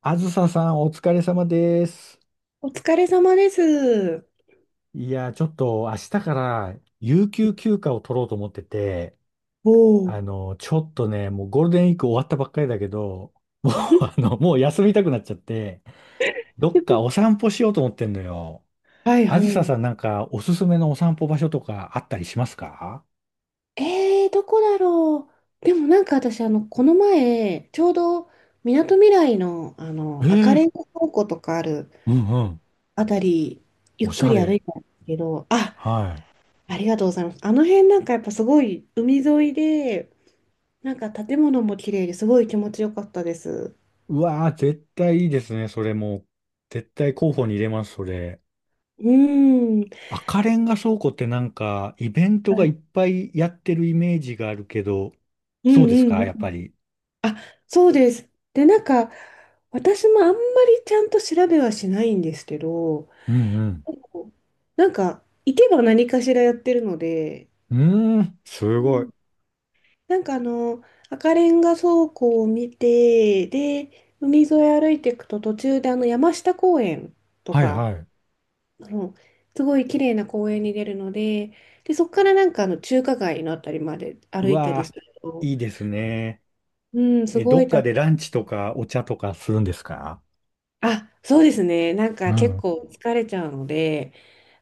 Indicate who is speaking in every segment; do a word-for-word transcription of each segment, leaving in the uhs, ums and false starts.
Speaker 1: あずささん、お疲れ様です。
Speaker 2: お疲れ様です。
Speaker 1: いや、ちょっと明日から有給休暇を取ろうと思ってて、
Speaker 2: おお。
Speaker 1: あの、ちょっとね、もうゴールデンウィーク終わったばっかりだけど、もう、あの、もう休みたくなっちゃって、どっかお 散歩しようと思ってんのよ。
Speaker 2: はい
Speaker 1: あ
Speaker 2: は
Speaker 1: ずさ
Speaker 2: い。
Speaker 1: さん、なんかおすすめのお散歩場所とかあったりしますか？
Speaker 2: えー、どこだろう。でもなんか私、あの、この前、ちょうど、みなとみらいの、あの、
Speaker 1: え
Speaker 2: 赤
Speaker 1: え、
Speaker 2: レンガ倉庫とかある
Speaker 1: うんうん。
Speaker 2: あたり、ゆっ
Speaker 1: おし
Speaker 2: く
Speaker 1: ゃ
Speaker 2: り歩
Speaker 1: れ。
Speaker 2: いたんですけど、あ、
Speaker 1: はい。
Speaker 2: ありがとうございます。あの辺なんかやっぱすごい海沿いで、なんか建物も綺麗ですごい気持ちよかったです。
Speaker 1: うわー、絶対いいですね、それもう。絶対候補に入れます、それ。
Speaker 2: うーん。
Speaker 1: 赤レンガ倉庫ってなんか、イベント
Speaker 2: は
Speaker 1: がいっ
Speaker 2: い。
Speaker 1: ぱいやってるイメージがあるけど、
Speaker 2: う
Speaker 1: そうです
Speaker 2: ん
Speaker 1: か、やっ
Speaker 2: うん。
Speaker 1: ぱり。
Speaker 2: あ、そうです。で、なんか、私もあんまりちゃんと調べはしないんですけど、
Speaker 1: うん
Speaker 2: なんか、行けば何かしらやってるので、
Speaker 1: うん。うーん、す
Speaker 2: う
Speaker 1: ごい。
Speaker 2: ん。なんかあの、赤レンガ倉庫を見て、で、海沿い歩いていくと途中であの山下公園と
Speaker 1: はい
Speaker 2: か、
Speaker 1: はい。
Speaker 2: あのすごい綺麗な公園に出るので、で、そこからなんかあの中華街のあたりまで
Speaker 1: う
Speaker 2: 歩いた
Speaker 1: わ
Speaker 2: りす
Speaker 1: あ、
Speaker 2: ると、
Speaker 1: いいですね。
Speaker 2: うん、す
Speaker 1: え、
Speaker 2: ご
Speaker 1: ど
Speaker 2: い
Speaker 1: っか
Speaker 2: 楽
Speaker 1: でランチとかお茶とかするんですか？
Speaker 2: あ、そうですね。なん
Speaker 1: う
Speaker 2: か
Speaker 1: ん、
Speaker 2: 結
Speaker 1: うん
Speaker 2: 構疲れちゃうので、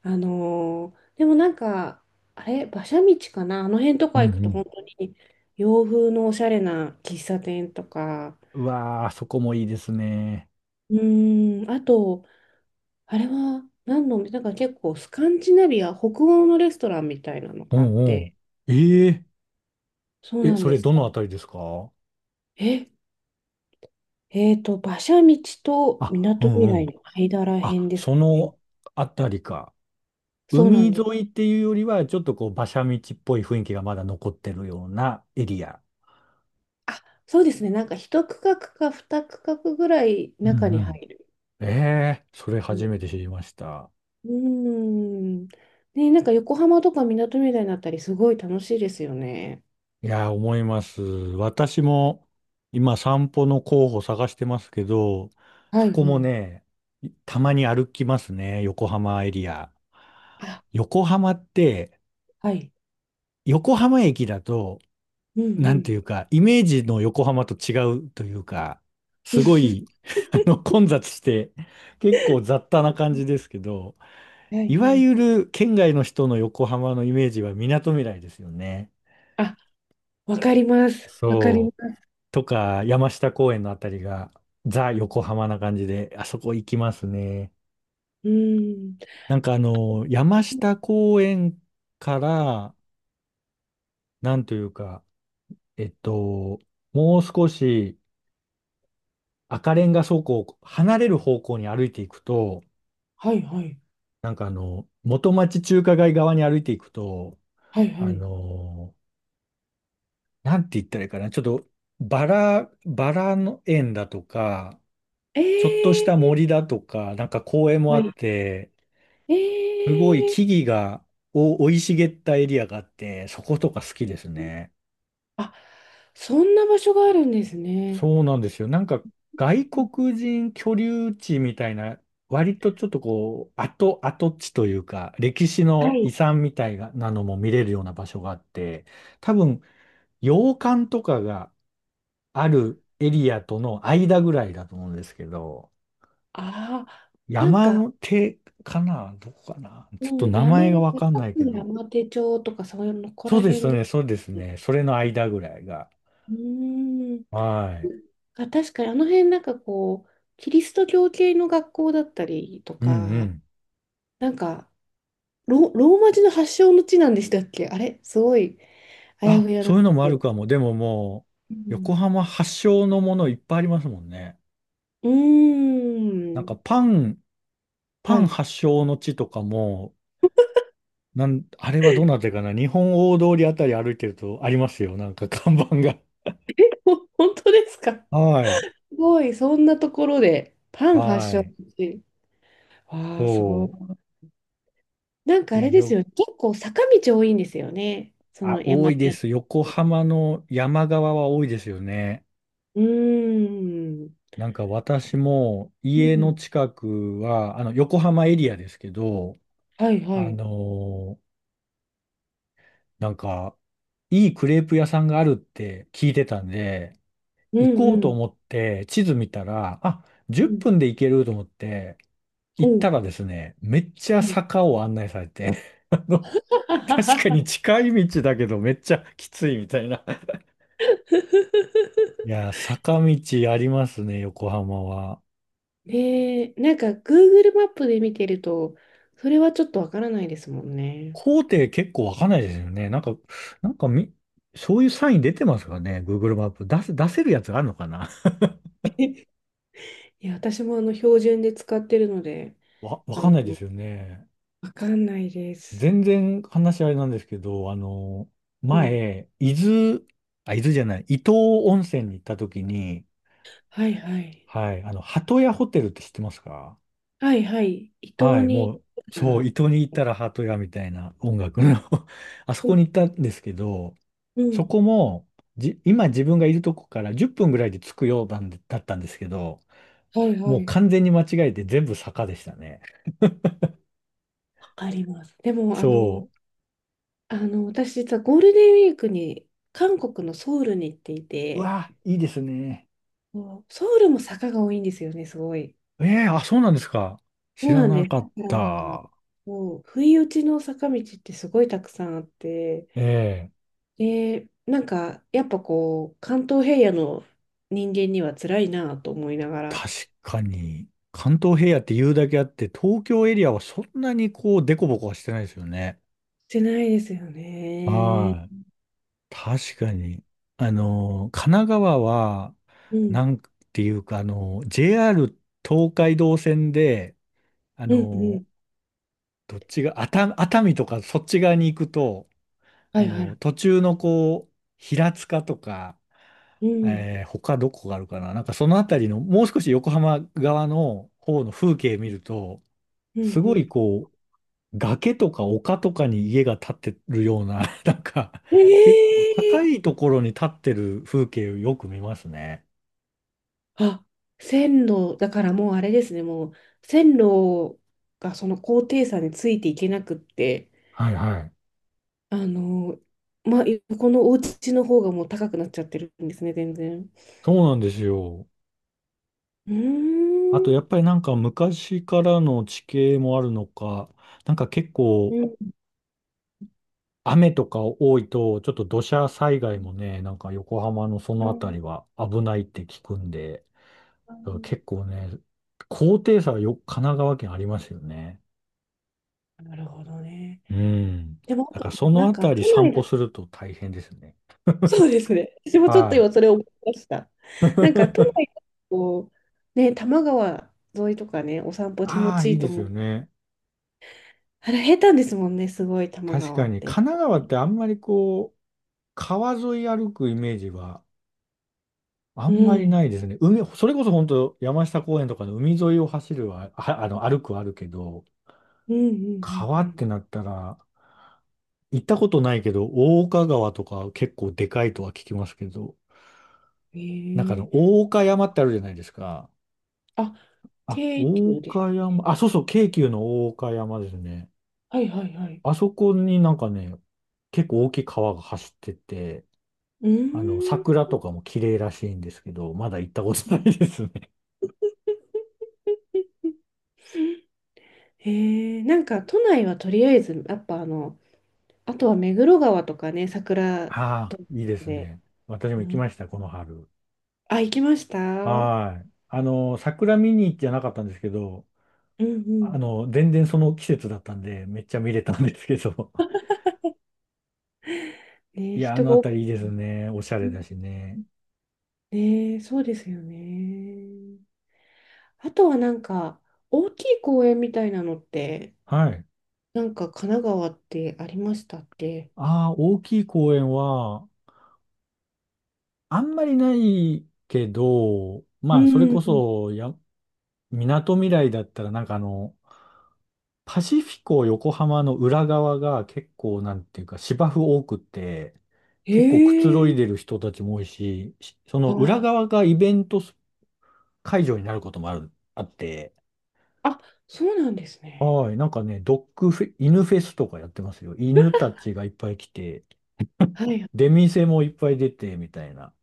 Speaker 2: あのーでもなんか、あれ、馬車道かなあの辺と
Speaker 1: う
Speaker 2: か行くと
Speaker 1: ん。
Speaker 2: 本当に洋風のおしゃれな喫茶店とか、
Speaker 1: うわあ、そこもいいですね。
Speaker 2: うーん、あと、あれは何の、なんか結構スカンジナビア、北欧のレストランみたいなの
Speaker 1: お
Speaker 2: があっ
Speaker 1: うおう。
Speaker 2: て、
Speaker 1: ええ、
Speaker 2: そう
Speaker 1: え、
Speaker 2: なん
Speaker 1: そ
Speaker 2: で
Speaker 1: れ
Speaker 2: す。
Speaker 1: どのあたりですか？
Speaker 2: え、えーと、馬車道と
Speaker 1: あ、う
Speaker 2: 港未
Speaker 1: んう
Speaker 2: 来
Speaker 1: ん。
Speaker 2: の間ら辺
Speaker 1: あ、
Speaker 2: ですか
Speaker 1: そ
Speaker 2: ね。
Speaker 1: のあたりか。
Speaker 2: そうな
Speaker 1: 海
Speaker 2: ん
Speaker 1: 沿
Speaker 2: です。
Speaker 1: いっていうよりは、ちょっとこう、馬車道っぽい雰囲気がまだ残ってるようなエリア。
Speaker 2: あ、そうですね。なんか一区画か二区画ぐらい
Speaker 1: う
Speaker 2: 中
Speaker 1: んう
Speaker 2: に入
Speaker 1: ん。
Speaker 2: る。
Speaker 1: ええ、それ
Speaker 2: うん。
Speaker 1: 初
Speaker 2: う
Speaker 1: めて知りました。
Speaker 2: ーんね、なんか横浜とか港みたいになったり、すごい楽しいですよね。
Speaker 1: いやー、思います。私も今散歩の候補探してますけど、
Speaker 2: は
Speaker 1: そ
Speaker 2: い
Speaker 1: こ
Speaker 2: は
Speaker 1: も
Speaker 2: い。
Speaker 1: ね、たまに歩きますね、横浜エリア。
Speaker 2: あ、
Speaker 1: 横浜って、
Speaker 2: はい。
Speaker 1: 横浜駅だと
Speaker 2: うんう
Speaker 1: なんて
Speaker 2: ん。
Speaker 1: いうか、イメージの横浜と違うというか、すご い、あの、混雑して、結構雑多な感じですけど、
Speaker 2: はい
Speaker 1: い
Speaker 2: は
Speaker 1: わ
Speaker 2: い。
Speaker 1: ゆる県外の人の横浜のイメージは港未来ですよね。
Speaker 2: あ、わかります。わかりま
Speaker 1: そう。
Speaker 2: す。
Speaker 1: とか、山下公園のあたりが、ザ・横浜な感じで、あそこ行きますね。
Speaker 2: うーん。
Speaker 1: なんかあの、山下公園から、なんというか、えっと、もう少し赤レンガ倉庫を離れる方向に歩いていくと、
Speaker 2: はいはい。
Speaker 1: なんかあの、元町中華街側に歩いていくと、
Speaker 2: はいは
Speaker 1: あ
Speaker 2: い。
Speaker 1: のなんて言ったらいいかな、ちょっとバラ、バラの園だとか、
Speaker 2: え
Speaker 1: ちょっとした
Speaker 2: ー、
Speaker 1: 森だとか、なんか公園も
Speaker 2: は
Speaker 1: あ
Speaker 2: い。
Speaker 1: って、す
Speaker 2: え
Speaker 1: ごい
Speaker 2: ー。
Speaker 1: 木々がお生い茂ったエリアがあって、そことか好きですね。
Speaker 2: あ、そんな場所があるんですね。
Speaker 1: そうなんですよ。なんか外
Speaker 2: うん。
Speaker 1: 国人居留地みたいな、割とちょっとこう、跡、跡地というか、歴史
Speaker 2: は
Speaker 1: の遺
Speaker 2: い。
Speaker 1: 産みたいなのも見れるような場所があって、多分、洋館とかがあるエリアとの間ぐらいだと思うんですけど、
Speaker 2: ああ、なん
Speaker 1: 山
Speaker 2: か、
Speaker 1: の手かなどこかなちょ
Speaker 2: う
Speaker 1: っと
Speaker 2: ん、
Speaker 1: 名
Speaker 2: 山、
Speaker 1: 前がわかん
Speaker 2: 高
Speaker 1: ないけ
Speaker 2: く
Speaker 1: ど。
Speaker 2: 山手町とか、そういうの、ここ
Speaker 1: そう
Speaker 2: ら
Speaker 1: で
Speaker 2: 辺
Speaker 1: す
Speaker 2: です
Speaker 1: ね、そうです
Speaker 2: ね。
Speaker 1: ね。それの間ぐらいが。
Speaker 2: うーん。
Speaker 1: はい。
Speaker 2: あ、確かに、あの辺、なんかこう、キリスト教系の学校だったりと
Speaker 1: うんう
Speaker 2: か、
Speaker 1: ん。
Speaker 2: なんか、ロ、ローマ字の発祥の地なんでしたっけ、あれすごい、あやふ
Speaker 1: あ、
Speaker 2: やなん
Speaker 1: そう
Speaker 2: で
Speaker 1: いうの
Speaker 2: す
Speaker 1: もあ
Speaker 2: け
Speaker 1: る
Speaker 2: ど。
Speaker 1: かも。でもも
Speaker 2: う
Speaker 1: う、横
Speaker 2: ん。
Speaker 1: 浜発祥のものいっぱいありますもんね。
Speaker 2: う
Speaker 1: なん
Speaker 2: ーん。
Speaker 1: かパン、パ
Speaker 2: は
Speaker 1: ン
Speaker 2: い。
Speaker 1: 発祥の地とかも、なん、あれはどなたかな、日本大通りあたり歩いてるとありますよ。なんか 看板が。
Speaker 2: ほ本当ですか？
Speaker 1: はい。
Speaker 2: すごい、そんなところで、パン発
Speaker 1: は
Speaker 2: 祥の
Speaker 1: い。
Speaker 2: 地。わあ、すご
Speaker 1: そ
Speaker 2: い。なんか
Speaker 1: う。い
Speaker 2: あ
Speaker 1: や、
Speaker 2: れです
Speaker 1: よ、
Speaker 2: よね、結構坂道多いんですよね、そ
Speaker 1: あ、
Speaker 2: の
Speaker 1: 多
Speaker 2: 山
Speaker 1: い
Speaker 2: 手
Speaker 1: で
Speaker 2: やっ
Speaker 1: す。横
Speaker 2: て。
Speaker 1: 浜の山側は多いですよね。
Speaker 2: うーん。
Speaker 1: なんか私も
Speaker 2: う
Speaker 1: 家の
Speaker 2: ん。
Speaker 1: 近くは、あの、横浜エリアですけど、
Speaker 2: はいは
Speaker 1: あ
Speaker 2: い。
Speaker 1: のーなんか、いいクレープ屋さんがあるって聞いてたんで、
Speaker 2: うん
Speaker 1: 行こ
Speaker 2: う
Speaker 1: うと
Speaker 2: ん。
Speaker 1: 思って地図見たら、あ、
Speaker 2: う
Speaker 1: 10
Speaker 2: ん。
Speaker 1: 分で行けると思って、
Speaker 2: お
Speaker 1: 行った
Speaker 2: う。
Speaker 1: らですね、めっち
Speaker 2: は
Speaker 1: ゃ
Speaker 2: い。
Speaker 1: 坂を案内されて、あの、確か に近い道だけどめっちゃきついみたいな。いやー、坂道ありますね、横浜は。
Speaker 2: ねえ、なんか グーグルマップで見てると、それはちょっとわからないですもんね。
Speaker 1: 工程結構わかんないですよね。なんか、なんかみ、そういうサイン出てますかね、Google マップ。出せ、出せるやつあるのかな？
Speaker 2: いや、私もあの標準で使ってるので、
Speaker 1: わ、わ
Speaker 2: あ
Speaker 1: か
Speaker 2: の、
Speaker 1: んないですよね。
Speaker 2: わかんないです。
Speaker 1: 全然話あれなんですけど、あの、
Speaker 2: うん。
Speaker 1: 前、伊豆、あ、伊豆じゃない、伊東温泉に行った時に、
Speaker 2: はいはい。
Speaker 1: はい、あの、鳩屋ホテルって知ってますか？
Speaker 2: はいはい。伊
Speaker 1: は
Speaker 2: 東
Speaker 1: い、
Speaker 2: に
Speaker 1: もう、
Speaker 2: 行くな
Speaker 1: そう、伊
Speaker 2: ら。
Speaker 1: 東に行ったら鳩屋みたいな音楽
Speaker 2: は
Speaker 1: の
Speaker 2: い。
Speaker 1: あそこに行ったんですけど、
Speaker 2: う
Speaker 1: そ
Speaker 2: ん。
Speaker 1: こも、じ、今自分がいるとこからじゅっぷんぐらいで着くようなんでだったんですけど、
Speaker 2: はいは
Speaker 1: もう
Speaker 2: い。
Speaker 1: 完全に間違えて全部坂でしたね。
Speaker 2: わかります。でも、あの、
Speaker 1: そ
Speaker 2: あの、私実はゴールデンウィークに韓国のソウルに行ってい
Speaker 1: う。う
Speaker 2: て、
Speaker 1: わ、いいですね。
Speaker 2: そう、ソウルも坂が多いんですよね、すごい。
Speaker 1: ええ、あ、そうなんですか。
Speaker 2: そ
Speaker 1: 知
Speaker 2: う
Speaker 1: ら
Speaker 2: なん
Speaker 1: な
Speaker 2: です。
Speaker 1: か
Speaker 2: だ
Speaker 1: っ
Speaker 2: から
Speaker 1: た。
Speaker 2: もう、不意打ちの坂道ってすごいたくさんあって、
Speaker 1: ええ、
Speaker 2: で、なんか、やっぱこう、関東平野の人間には辛いなと思いながら、
Speaker 1: 確かに、関東平野って言うだけあって、東京エリアはそんなにこう、デコボコはしてないですよね。
Speaker 2: してないですよね。
Speaker 1: はい。確かに。あの、神奈川は、
Speaker 2: う
Speaker 1: な
Speaker 2: ん、
Speaker 1: んていうか、あの、ジェーアール 東海道線で、あ
Speaker 2: うん、う
Speaker 1: の、
Speaker 2: ん。
Speaker 1: どっちが、熱熱海とかそっち側に行くと、
Speaker 2: は
Speaker 1: あ
Speaker 2: いは
Speaker 1: の、
Speaker 2: い。
Speaker 1: 途中のこう、平塚とか、
Speaker 2: うん、
Speaker 1: えー他どこがあるかな、なんかそのあたりの、もう少し横浜側の方の風景見ると、
Speaker 2: う
Speaker 1: す
Speaker 2: ん、う
Speaker 1: ご
Speaker 2: ん。
Speaker 1: いこう、崖とか丘とかに家が建ってるような、なんか、
Speaker 2: え
Speaker 1: 結構高
Speaker 2: え、
Speaker 1: いところに建ってる風景をよく見ますね。
Speaker 2: あ、線路、だからもうあれですね、もう線路がその高低差についていけなくって、
Speaker 1: はいはい。
Speaker 2: あの、まあ、横のお家の方がもう高くなっちゃってるんですね、全然。
Speaker 1: そうなんですよ。
Speaker 2: うー
Speaker 1: あとやっぱ
Speaker 2: ん。
Speaker 1: りなんか昔からの地形もあるのか、なんか結構
Speaker 2: うん。
Speaker 1: 雨とか多いと、ちょっと土砂災害もね、なんか横浜のそのあたりは危ないって聞くんで、
Speaker 2: あ
Speaker 1: だから
Speaker 2: ー、
Speaker 1: 結構ね、高低差はよ、神奈川県ありますよね。
Speaker 2: なるほどね。
Speaker 1: うん。
Speaker 2: でも、あ
Speaker 1: だから
Speaker 2: と
Speaker 1: そ
Speaker 2: な
Speaker 1: の
Speaker 2: ん
Speaker 1: あ
Speaker 2: か
Speaker 1: たり
Speaker 2: 都
Speaker 1: 散
Speaker 2: 内
Speaker 1: 歩
Speaker 2: だ、
Speaker 1: すると大変ですね。
Speaker 2: そうですね。私もちょっと
Speaker 1: はい。
Speaker 2: 今それを思いました。なんか 都内だと、ね、多摩川沿いとかね、お散歩気持
Speaker 1: ああ、
Speaker 2: ちい
Speaker 1: いい
Speaker 2: いと
Speaker 1: です
Speaker 2: 思
Speaker 1: よ
Speaker 2: う。
Speaker 1: ね。
Speaker 2: あれ、下手ですもんね、すごい、多摩
Speaker 1: 確
Speaker 2: 川
Speaker 1: か
Speaker 2: っ
Speaker 1: に、
Speaker 2: て、やっ
Speaker 1: 神奈
Speaker 2: ぱ
Speaker 1: 川っ
Speaker 2: り。
Speaker 1: てあんまりこう、川沿い歩くイメージはあ
Speaker 2: う
Speaker 1: んまり
Speaker 2: ん。
Speaker 1: ないですね。海、それこそ本当山下公園とかの海沿いを走るは、は、あの、歩くはあるけど、
Speaker 2: うんうん
Speaker 1: 川
Speaker 2: うんう
Speaker 1: っ
Speaker 2: ん。
Speaker 1: てなったら、行ったことないけど、大岡川とか結構でかいとは聞きますけど、
Speaker 2: へ
Speaker 1: なんかあ
Speaker 2: え。
Speaker 1: の、大岡山ってあるじゃないですか。
Speaker 2: あ、
Speaker 1: あ、
Speaker 2: 京
Speaker 1: 大
Speaker 2: 急でし
Speaker 1: 岡
Speaker 2: たっけ？
Speaker 1: 山、あ、そうそう、京急の大岡山ですね。
Speaker 2: はいはいはい。
Speaker 1: あそこになんかね、結構大きい川が走ってて、
Speaker 2: う
Speaker 1: あの、
Speaker 2: ー
Speaker 1: 桜
Speaker 2: ん。
Speaker 1: とかも綺麗らしいんですけど、まだ行ったことないですね。
Speaker 2: へえ。なんか、都内はとりあえず、やっぱあの、あとは目黒川とかね、桜
Speaker 1: ああ、
Speaker 2: と
Speaker 1: いいです
Speaker 2: で。
Speaker 1: ね。私も
Speaker 2: う
Speaker 1: 行き
Speaker 2: ん、
Speaker 1: ました、この春。
Speaker 2: あ、行きました。うん
Speaker 1: はい。あの、桜見に行ってなかったんですけど、
Speaker 2: う
Speaker 1: あ
Speaker 2: ん。
Speaker 1: の、全然その季節だったんで、めっちゃ見れたんですけど。
Speaker 2: ね、
Speaker 1: いや、あ
Speaker 2: 人
Speaker 1: の
Speaker 2: が
Speaker 1: あ
Speaker 2: 多
Speaker 1: た
Speaker 2: く、
Speaker 1: りいいですね。おしゃ
Speaker 2: う
Speaker 1: れだ
Speaker 2: ん。
Speaker 1: しね。
Speaker 2: ね、そうですよね。あとはなんか、大きい公園みたいなのって、
Speaker 1: はい。
Speaker 2: なんか神奈川ってありましたって。
Speaker 1: ああ、大きい公園は、あんまりないけど、ま
Speaker 2: う
Speaker 1: あ、それこ
Speaker 2: ん。
Speaker 1: そ、や、みなとみらいだったら、なんかあの、パシフィコ横浜の裏側が結構、なんていうか、芝生多くて、結構くつろい
Speaker 2: ええ。
Speaker 1: でる人たちも多いし、しその裏
Speaker 2: あ
Speaker 1: 側がイベント会場になることもある、あって、
Speaker 2: あ、あ、そうなんですね。
Speaker 1: はい、なんかね、ドッグフェ、犬フェスとかやってますよ。犬たちがいっぱい来て、
Speaker 2: はい。
Speaker 1: 出店もいっぱい出て、みたいな。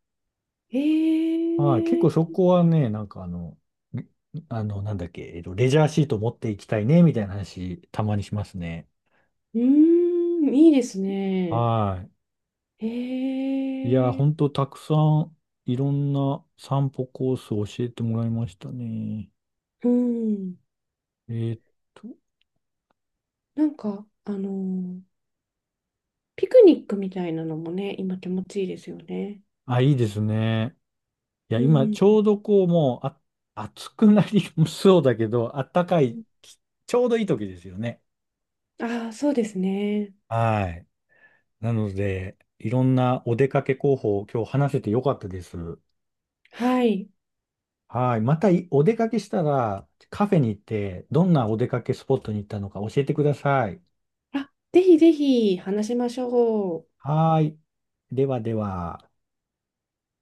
Speaker 1: はい、結
Speaker 2: え
Speaker 1: 構そ
Speaker 2: え。
Speaker 1: こはね、なんかあの、んあの、なんだっけ、えっと、レジャーシート持っていきたいね、みたいな話、たまにしますね。
Speaker 2: うーん、いいですね。
Speaker 1: はい。いや、
Speaker 2: え
Speaker 1: ほん
Speaker 2: え。
Speaker 1: とたくさん、いろんな散歩コースを教えてもらいましたね。
Speaker 2: うん。
Speaker 1: えーっと、
Speaker 2: なんか、あの、ピクニックみたいなのもね、今気持ちいいですよね。
Speaker 1: あ、いいですね。いや、
Speaker 2: う
Speaker 1: 今、
Speaker 2: ん。
Speaker 1: ちょうどこう、もう、あ、暑くなり そうだけど、あったかい、ちょうどいい時ですよね。
Speaker 2: ああ、そうですね。
Speaker 1: はい。なので、いろんなお出かけ候補を今日話せてよかったです。
Speaker 2: はい。
Speaker 1: はい。またいお出かけしたらカフェに行ってどんなお出かけスポットに行ったのか教えてください。
Speaker 2: あ、ぜひぜひ話しましょう。
Speaker 1: はい。ではでは。